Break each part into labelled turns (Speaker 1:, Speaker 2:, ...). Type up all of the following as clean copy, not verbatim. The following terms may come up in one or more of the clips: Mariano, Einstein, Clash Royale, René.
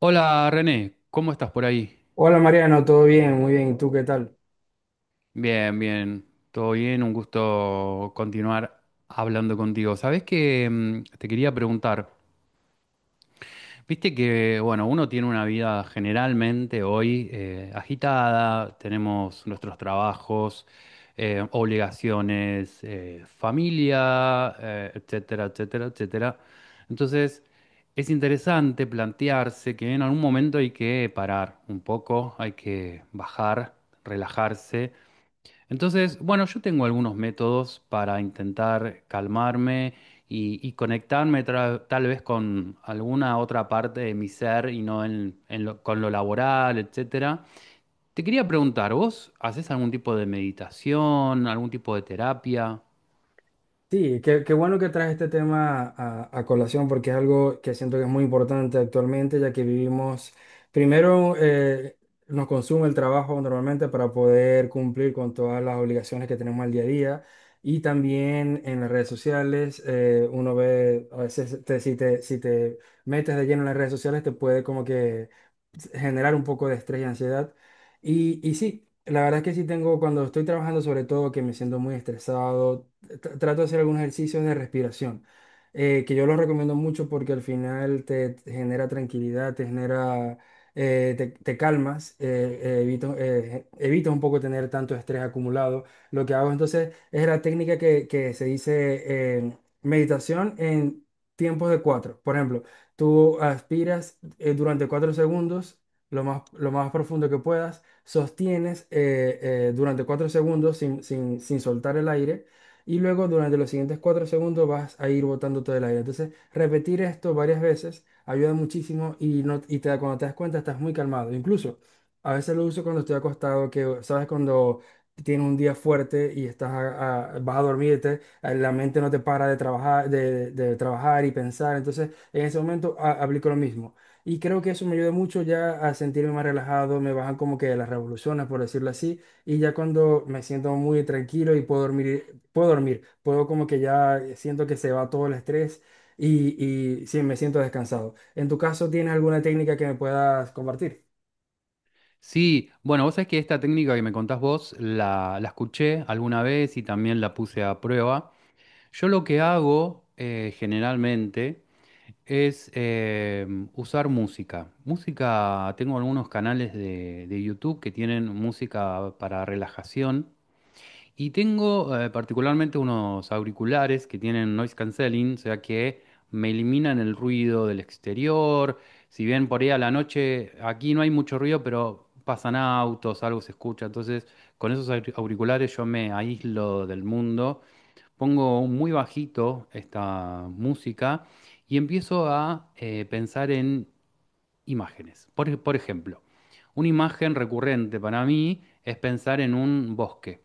Speaker 1: Hola René, ¿cómo estás por ahí?
Speaker 2: Hola Mariano, ¿todo bien? Muy bien. ¿Y tú qué tal?
Speaker 1: Bien, bien, todo bien, un gusto continuar hablando contigo. Sabes que te quería preguntar, viste que, bueno, uno tiene una vida generalmente hoy agitada, tenemos nuestros trabajos, obligaciones, familia, etcétera, etcétera, etcétera. Entonces, es interesante plantearse que en algún momento hay que parar un poco, hay que bajar, relajarse. Entonces, bueno, yo tengo algunos métodos para intentar calmarme y conectarme tal vez con alguna otra parte de mi ser y no con lo laboral, etcétera. Te quería preguntar, ¿vos haces algún tipo de meditación, algún tipo de terapia?
Speaker 2: Sí, qué bueno que traes este tema a colación porque es algo que siento que es muy importante actualmente, ya que vivimos, primero nos consume el trabajo normalmente para poder cumplir con todas las obligaciones que tenemos al día a día, y también en las redes sociales uno ve, a veces si te metes de lleno en las redes sociales te puede como que generar un poco de estrés y ansiedad. Y sí, la verdad es que sí tengo, cuando estoy trabajando sobre todo, que me siento muy estresado, trato de hacer algunos ejercicios de respiración, que yo los recomiendo mucho porque al final te genera tranquilidad, te genera, te calmas, evitas un poco tener tanto estrés acumulado. Lo que hago entonces es la técnica que se dice, meditación en tiempos de cuatro. Por ejemplo, tú aspiras durante cuatro segundos. Lo más profundo que puedas, sostienes durante cuatro segundos sin soltar el aire, y luego durante los siguientes 4 segundos vas a ir botando todo el aire. Entonces, repetir esto varias veces ayuda muchísimo y, no, cuando te das cuenta estás muy calmado. Incluso a veces lo uso cuando estoy acostado, que sabes cuando tienes un día fuerte y estás vas a dormirte, la mente no te para de trabajar, de trabajar y pensar. Entonces, en ese momento aplico lo mismo. Y creo que eso me ayuda mucho ya a sentirme más relajado, me bajan como que las revoluciones, por decirlo así, y ya cuando me siento muy tranquilo y puedo dormir, puedo como que ya siento que se va todo el estrés y, y sí, me siento descansado. ¿En tu caso tienes alguna técnica que me puedas compartir?
Speaker 1: Sí, bueno, vos sabés que esta técnica que me contás vos la escuché alguna vez y también la puse a prueba. Yo lo que hago generalmente es usar música. Música, tengo algunos canales de YouTube que tienen música para relajación y tengo particularmente unos auriculares que tienen noise cancelling, o sea que me eliminan el ruido del exterior. Si bien por ahí a la noche aquí no hay mucho ruido, pero pasan autos, algo se escucha. Entonces, con esos auriculares yo me aíslo del mundo. Pongo muy bajito esta música y empiezo a pensar en imágenes. Por, por ejemplo, una imagen recurrente para mí es pensar en un bosque.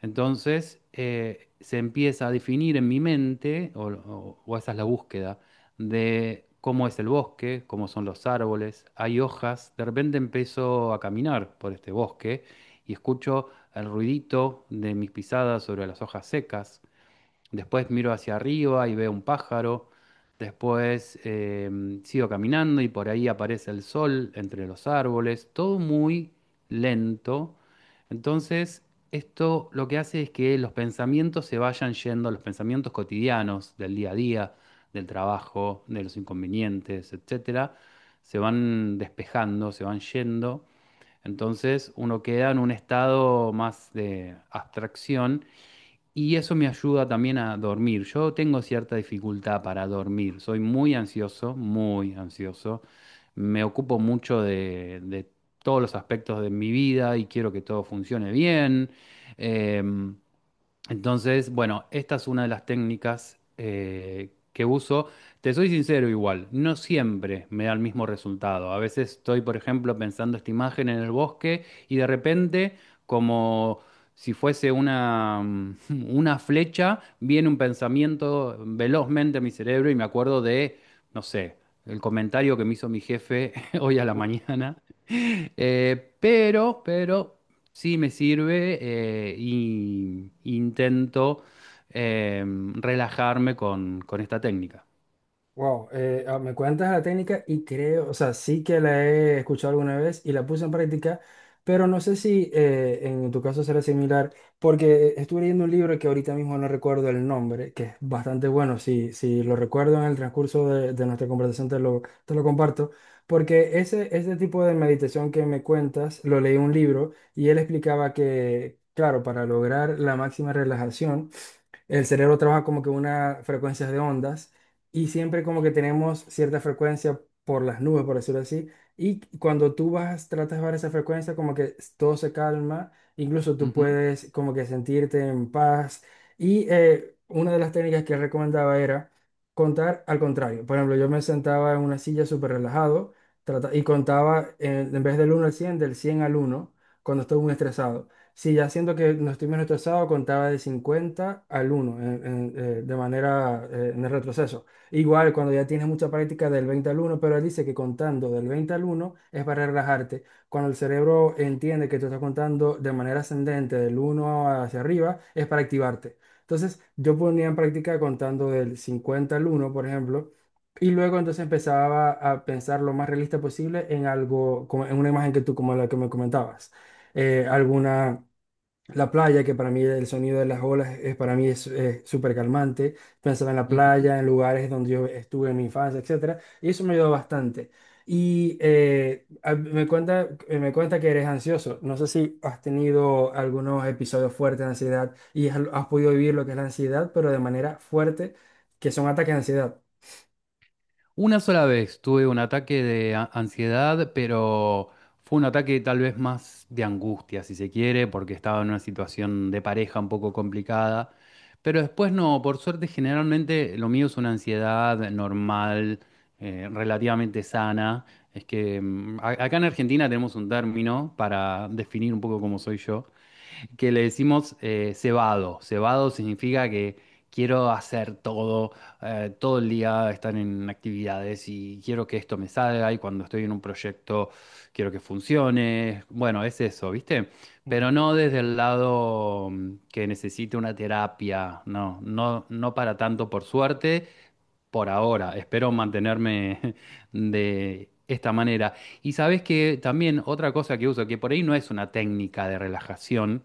Speaker 1: Entonces, se empieza a definir en mi mente, o esa es la búsqueda, de cómo es el bosque, cómo son los árboles, hay hojas. De repente empiezo a caminar por este bosque y escucho el ruidito de mis pisadas sobre las hojas secas. Después miro hacia arriba y veo un pájaro. Después sigo caminando y por ahí aparece el sol entre los árboles. Todo muy lento. Entonces, esto lo que hace es que los pensamientos se vayan yendo, los pensamientos cotidianos del día a día, del trabajo, de los inconvenientes, etcétera, se van despejando, se van yendo. Entonces, uno queda en un estado más de abstracción y eso me ayuda también a dormir. Yo tengo cierta dificultad para dormir. Soy muy ansioso, muy ansioso. Me ocupo mucho de todos los aspectos de mi vida y quiero que todo funcione bien. Em, entonces, bueno, esta es una de las técnicas que uso. Te soy sincero igual, no siempre me da el mismo resultado. A veces estoy, por ejemplo, pensando esta imagen en el bosque y de repente, como si fuese una, una flecha, viene un pensamiento velozmente a mi cerebro y me acuerdo de, no sé, el comentario que me hizo mi jefe hoy a la mañana. Pero... Sí, me sirve y intento relajarme con esta técnica.
Speaker 2: Wow, me cuentas la técnica y creo, o sea, sí que la he escuchado alguna vez y la puse en práctica, pero no sé si en tu caso será similar, porque estuve leyendo un libro que ahorita mismo no recuerdo el nombre, que es bastante bueno. Si, si lo recuerdo en el transcurso de nuestra conversación te lo comparto, porque ese tipo de meditación que me cuentas, lo leí en un libro y él explicaba que, claro, para lograr la máxima relajación, el cerebro trabaja como que una frecuencias de ondas, y siempre como que tenemos cierta frecuencia por las nubes, por decirlo así. Y cuando tú vas, tratas de bajar esa frecuencia, como que todo se calma, incluso tú
Speaker 1: Ujú,
Speaker 2: puedes como que sentirte en paz. Y una de las técnicas que recomendaba era contar al contrario. Por ejemplo, yo me sentaba en una silla súper relajado, y contaba, en vez del uno al cien, del 100 al uno, cuando estoy muy estresado. Sí, ya siento que no estoy menos retrasado, contaba de 50 al uno de manera, en el retroceso. Igual cuando ya tienes mucha práctica del 20 al uno, pero él dice que contando del 20 al uno es para relajarte. Cuando el cerebro entiende que tú estás contando de manera ascendente del uno hacia arriba, es para activarte. Entonces yo ponía en práctica contando del 50 al uno, por ejemplo, y luego entonces empezaba a pensar lo más realista posible en algo, como en una imagen que tú, como la que me comentabas, alguna, la playa, que para mí el sonido de las olas es, para mí es, súper calmante. Pensaba en la
Speaker 1: ujú.
Speaker 2: playa, en lugares donde yo estuve en mi infancia, etcétera, y eso me ayudó bastante. Y me cuenta que eres ansioso. No sé si has tenido algunos episodios fuertes de ansiedad y has podido vivir lo que es la ansiedad, pero de manera fuerte, que son ataques de ansiedad.
Speaker 1: Una sola vez tuve un ataque de ansiedad, pero fue un ataque tal vez más de angustia, si se quiere, porque estaba en una situación de pareja un poco complicada. Pero después no, por suerte generalmente lo mío es una ansiedad normal, relativamente sana. Es que acá en Argentina tenemos un término para definir un poco cómo soy yo, que le decimos cebado. Cebado significa que quiero hacer todo, todo el día estar en actividades y quiero que esto me salga y cuando estoy en un proyecto quiero que funcione. Bueno, es eso, ¿viste?
Speaker 2: Ujú,
Speaker 1: Pero no desde el lado que necesite una terapia, no, no, no para tanto por suerte por ahora, espero mantenerme de esta manera. Y sabes que también otra cosa que uso, que por ahí no es una técnica de relajación,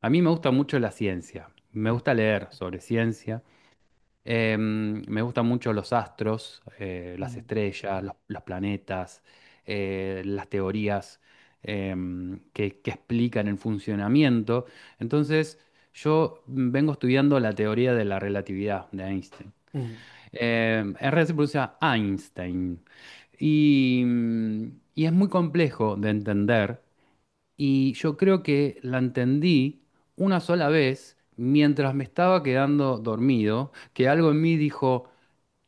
Speaker 1: a mí me gusta mucho la ciencia, me gusta leer sobre ciencia, me gustan mucho los astros, las
Speaker 2: ujú,
Speaker 1: estrellas, los planetas, las teorías eh, que explican el funcionamiento. Entonces, yo vengo estudiando la teoría de la relatividad de Einstein. En se pronuncia Einstein. Y, y es muy complejo de entender. Y yo creo que la entendí una sola vez mientras me estaba quedando dormido, que algo en mí dijo,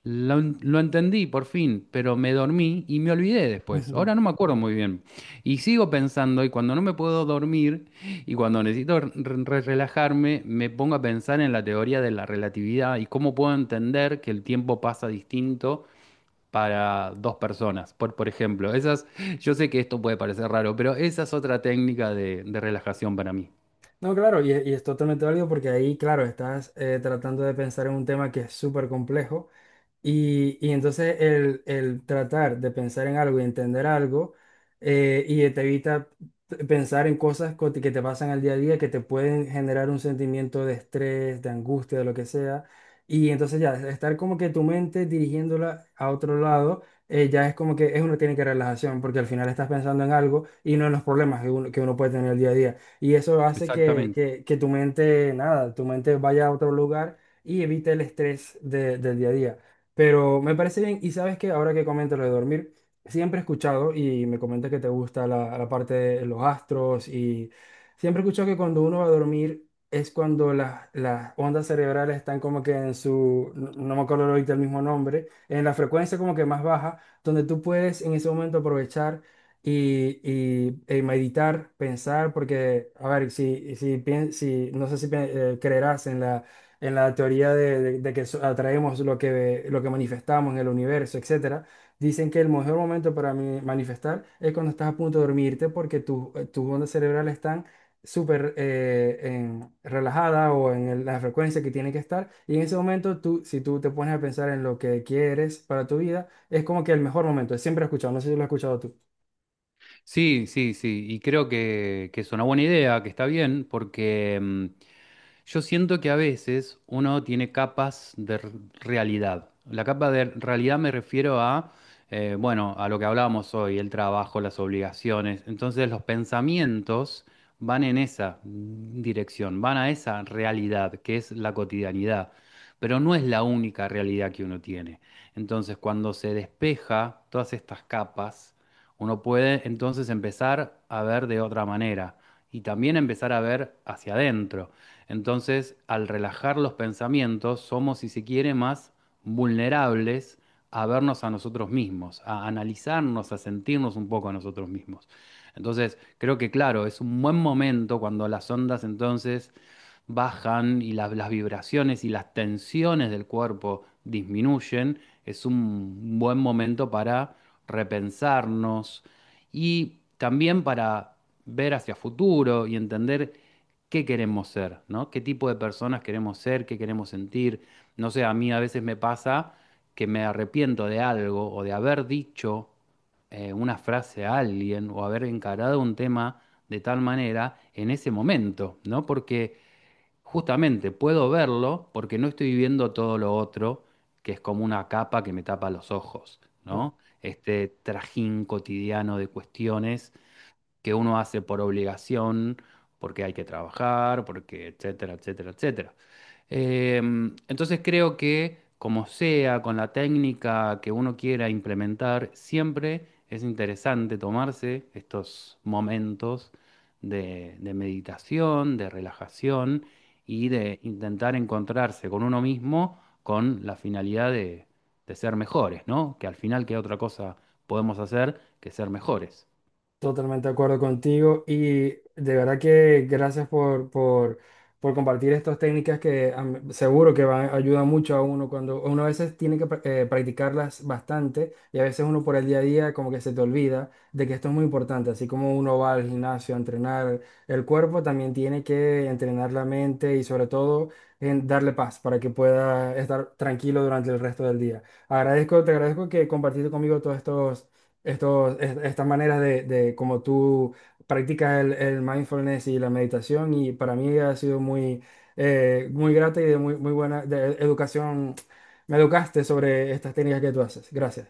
Speaker 1: lo entendí por fin, pero me dormí y me olvidé
Speaker 2: ujú,
Speaker 1: después. Ahora
Speaker 2: ujú.
Speaker 1: no me acuerdo muy bien. Y sigo pensando, y cuando no me puedo dormir y cuando necesito relajarme, me pongo a pensar en la teoría de la relatividad y cómo puedo entender que el tiempo pasa distinto para dos personas. Por ejemplo, esas, yo sé que esto puede parecer raro, pero esa es otra técnica de relajación para mí.
Speaker 2: No, claro, y es totalmente válido porque ahí, claro, estás tratando de pensar en un tema que es súper complejo. Y entonces el tratar de pensar en algo y entender algo, y te evita pensar en que te pasan al día a día, que te pueden generar un sentimiento de estrés, de angustia, de lo que sea. Y entonces ya, estar como que tu mente dirigiéndola a otro lado, ya es como que es una tiene que relajación, porque al final estás pensando en algo y no en los problemas que que uno puede tener el día a día. Y eso hace
Speaker 1: Exactamente.
Speaker 2: que tu mente, nada, tu mente vaya a otro lugar y evite el estrés del día a día. Pero me parece bien, y sabes que ahora que comento lo de dormir, siempre he escuchado, y me comentas que te gusta la, la parte de los astros, y siempre he escuchado que cuando uno va a dormir es cuando las ondas cerebrales están como que en su, no, no me acuerdo ahorita el mismo nombre, en la frecuencia como que más baja, donde tú puedes en ese momento aprovechar y, meditar, pensar, porque, a ver, si no sé si creerás en la, en la teoría de que atraemos lo que manifestamos en el universo, etcétera. Dicen que el mejor momento para manifestar es cuando estás a punto de dormirte porque tus ondas cerebrales están súper relajadas, o en la frecuencia que tiene que estar. Y en ese momento, tú, si tú te pones a pensar en lo que quieres para tu vida, es como que el mejor momento. Siempre he escuchado, no sé si lo has escuchado tú.
Speaker 1: Sí, sí, sí. Y creo que es una buena idea, que está bien, porque... yo siento que a veces uno tiene capas de realidad. La capa de realidad me refiero a, bueno, a lo que hablábamos hoy, el trabajo, las obligaciones. Entonces los pensamientos van en esa dirección, van a esa realidad que es la cotidianidad, pero no es la única realidad que uno tiene. Entonces cuando se despeja todas estas capas, uno puede entonces empezar a ver de otra manera y también empezar a ver hacia adentro. Entonces, al relajar los pensamientos, somos, si se quiere, más vulnerables a vernos a nosotros mismos, a analizarnos, a sentirnos un poco a nosotros mismos. Entonces, creo que claro, es un buen momento cuando las ondas entonces bajan y las vibraciones y las tensiones del cuerpo disminuyen, es un buen momento para repensarnos y también para ver hacia futuro y entender qué queremos ser, ¿no? ¿Qué tipo de personas queremos ser? ¿Qué queremos sentir? No sé, a mí a veces me pasa que me arrepiento de algo o de haber dicho una frase a alguien o haber encarado un tema de tal manera en ese momento, ¿no? Porque justamente puedo verlo porque no estoy viendo todo lo otro, que es como una capa que me tapa los ojos,
Speaker 2: Claro.
Speaker 1: ¿no? Este trajín cotidiano de cuestiones que uno hace por obligación, porque hay que trabajar, porque etcétera, etcétera, etcétera. Entonces creo que como sea, con la técnica que uno quiera implementar, siempre es interesante tomarse estos momentos de meditación, de relajación y de intentar encontrarse con uno mismo con la finalidad de ser mejores, ¿no? Que al final, ¿qué otra cosa podemos hacer que ser mejores?
Speaker 2: Totalmente de acuerdo contigo y de verdad que gracias por compartir estas técnicas que am, seguro que van, ayudan mucho a uno cuando uno a veces tiene que practicarlas bastante, y a veces uno por el día a día como que se te olvida de que esto es muy importante. Así como uno va al gimnasio a entrenar el cuerpo, también tiene que entrenar la mente y sobre todo en darle paz para que pueda estar tranquilo durante el resto del día. Agradezco, te agradezco que compartiste conmigo todos estas maneras de cómo tú practicas el mindfulness y la meditación, y para mí ha sido muy, muy grata y de muy, muy buena de educación. Me educaste sobre estas técnicas que tú haces. Gracias.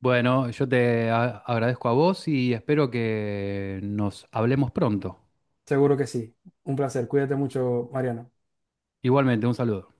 Speaker 1: Bueno, yo te agradezco a vos y espero que nos hablemos pronto.
Speaker 2: Seguro que sí. Un placer. Cuídate mucho, Mariana.
Speaker 1: Igualmente, un saludo.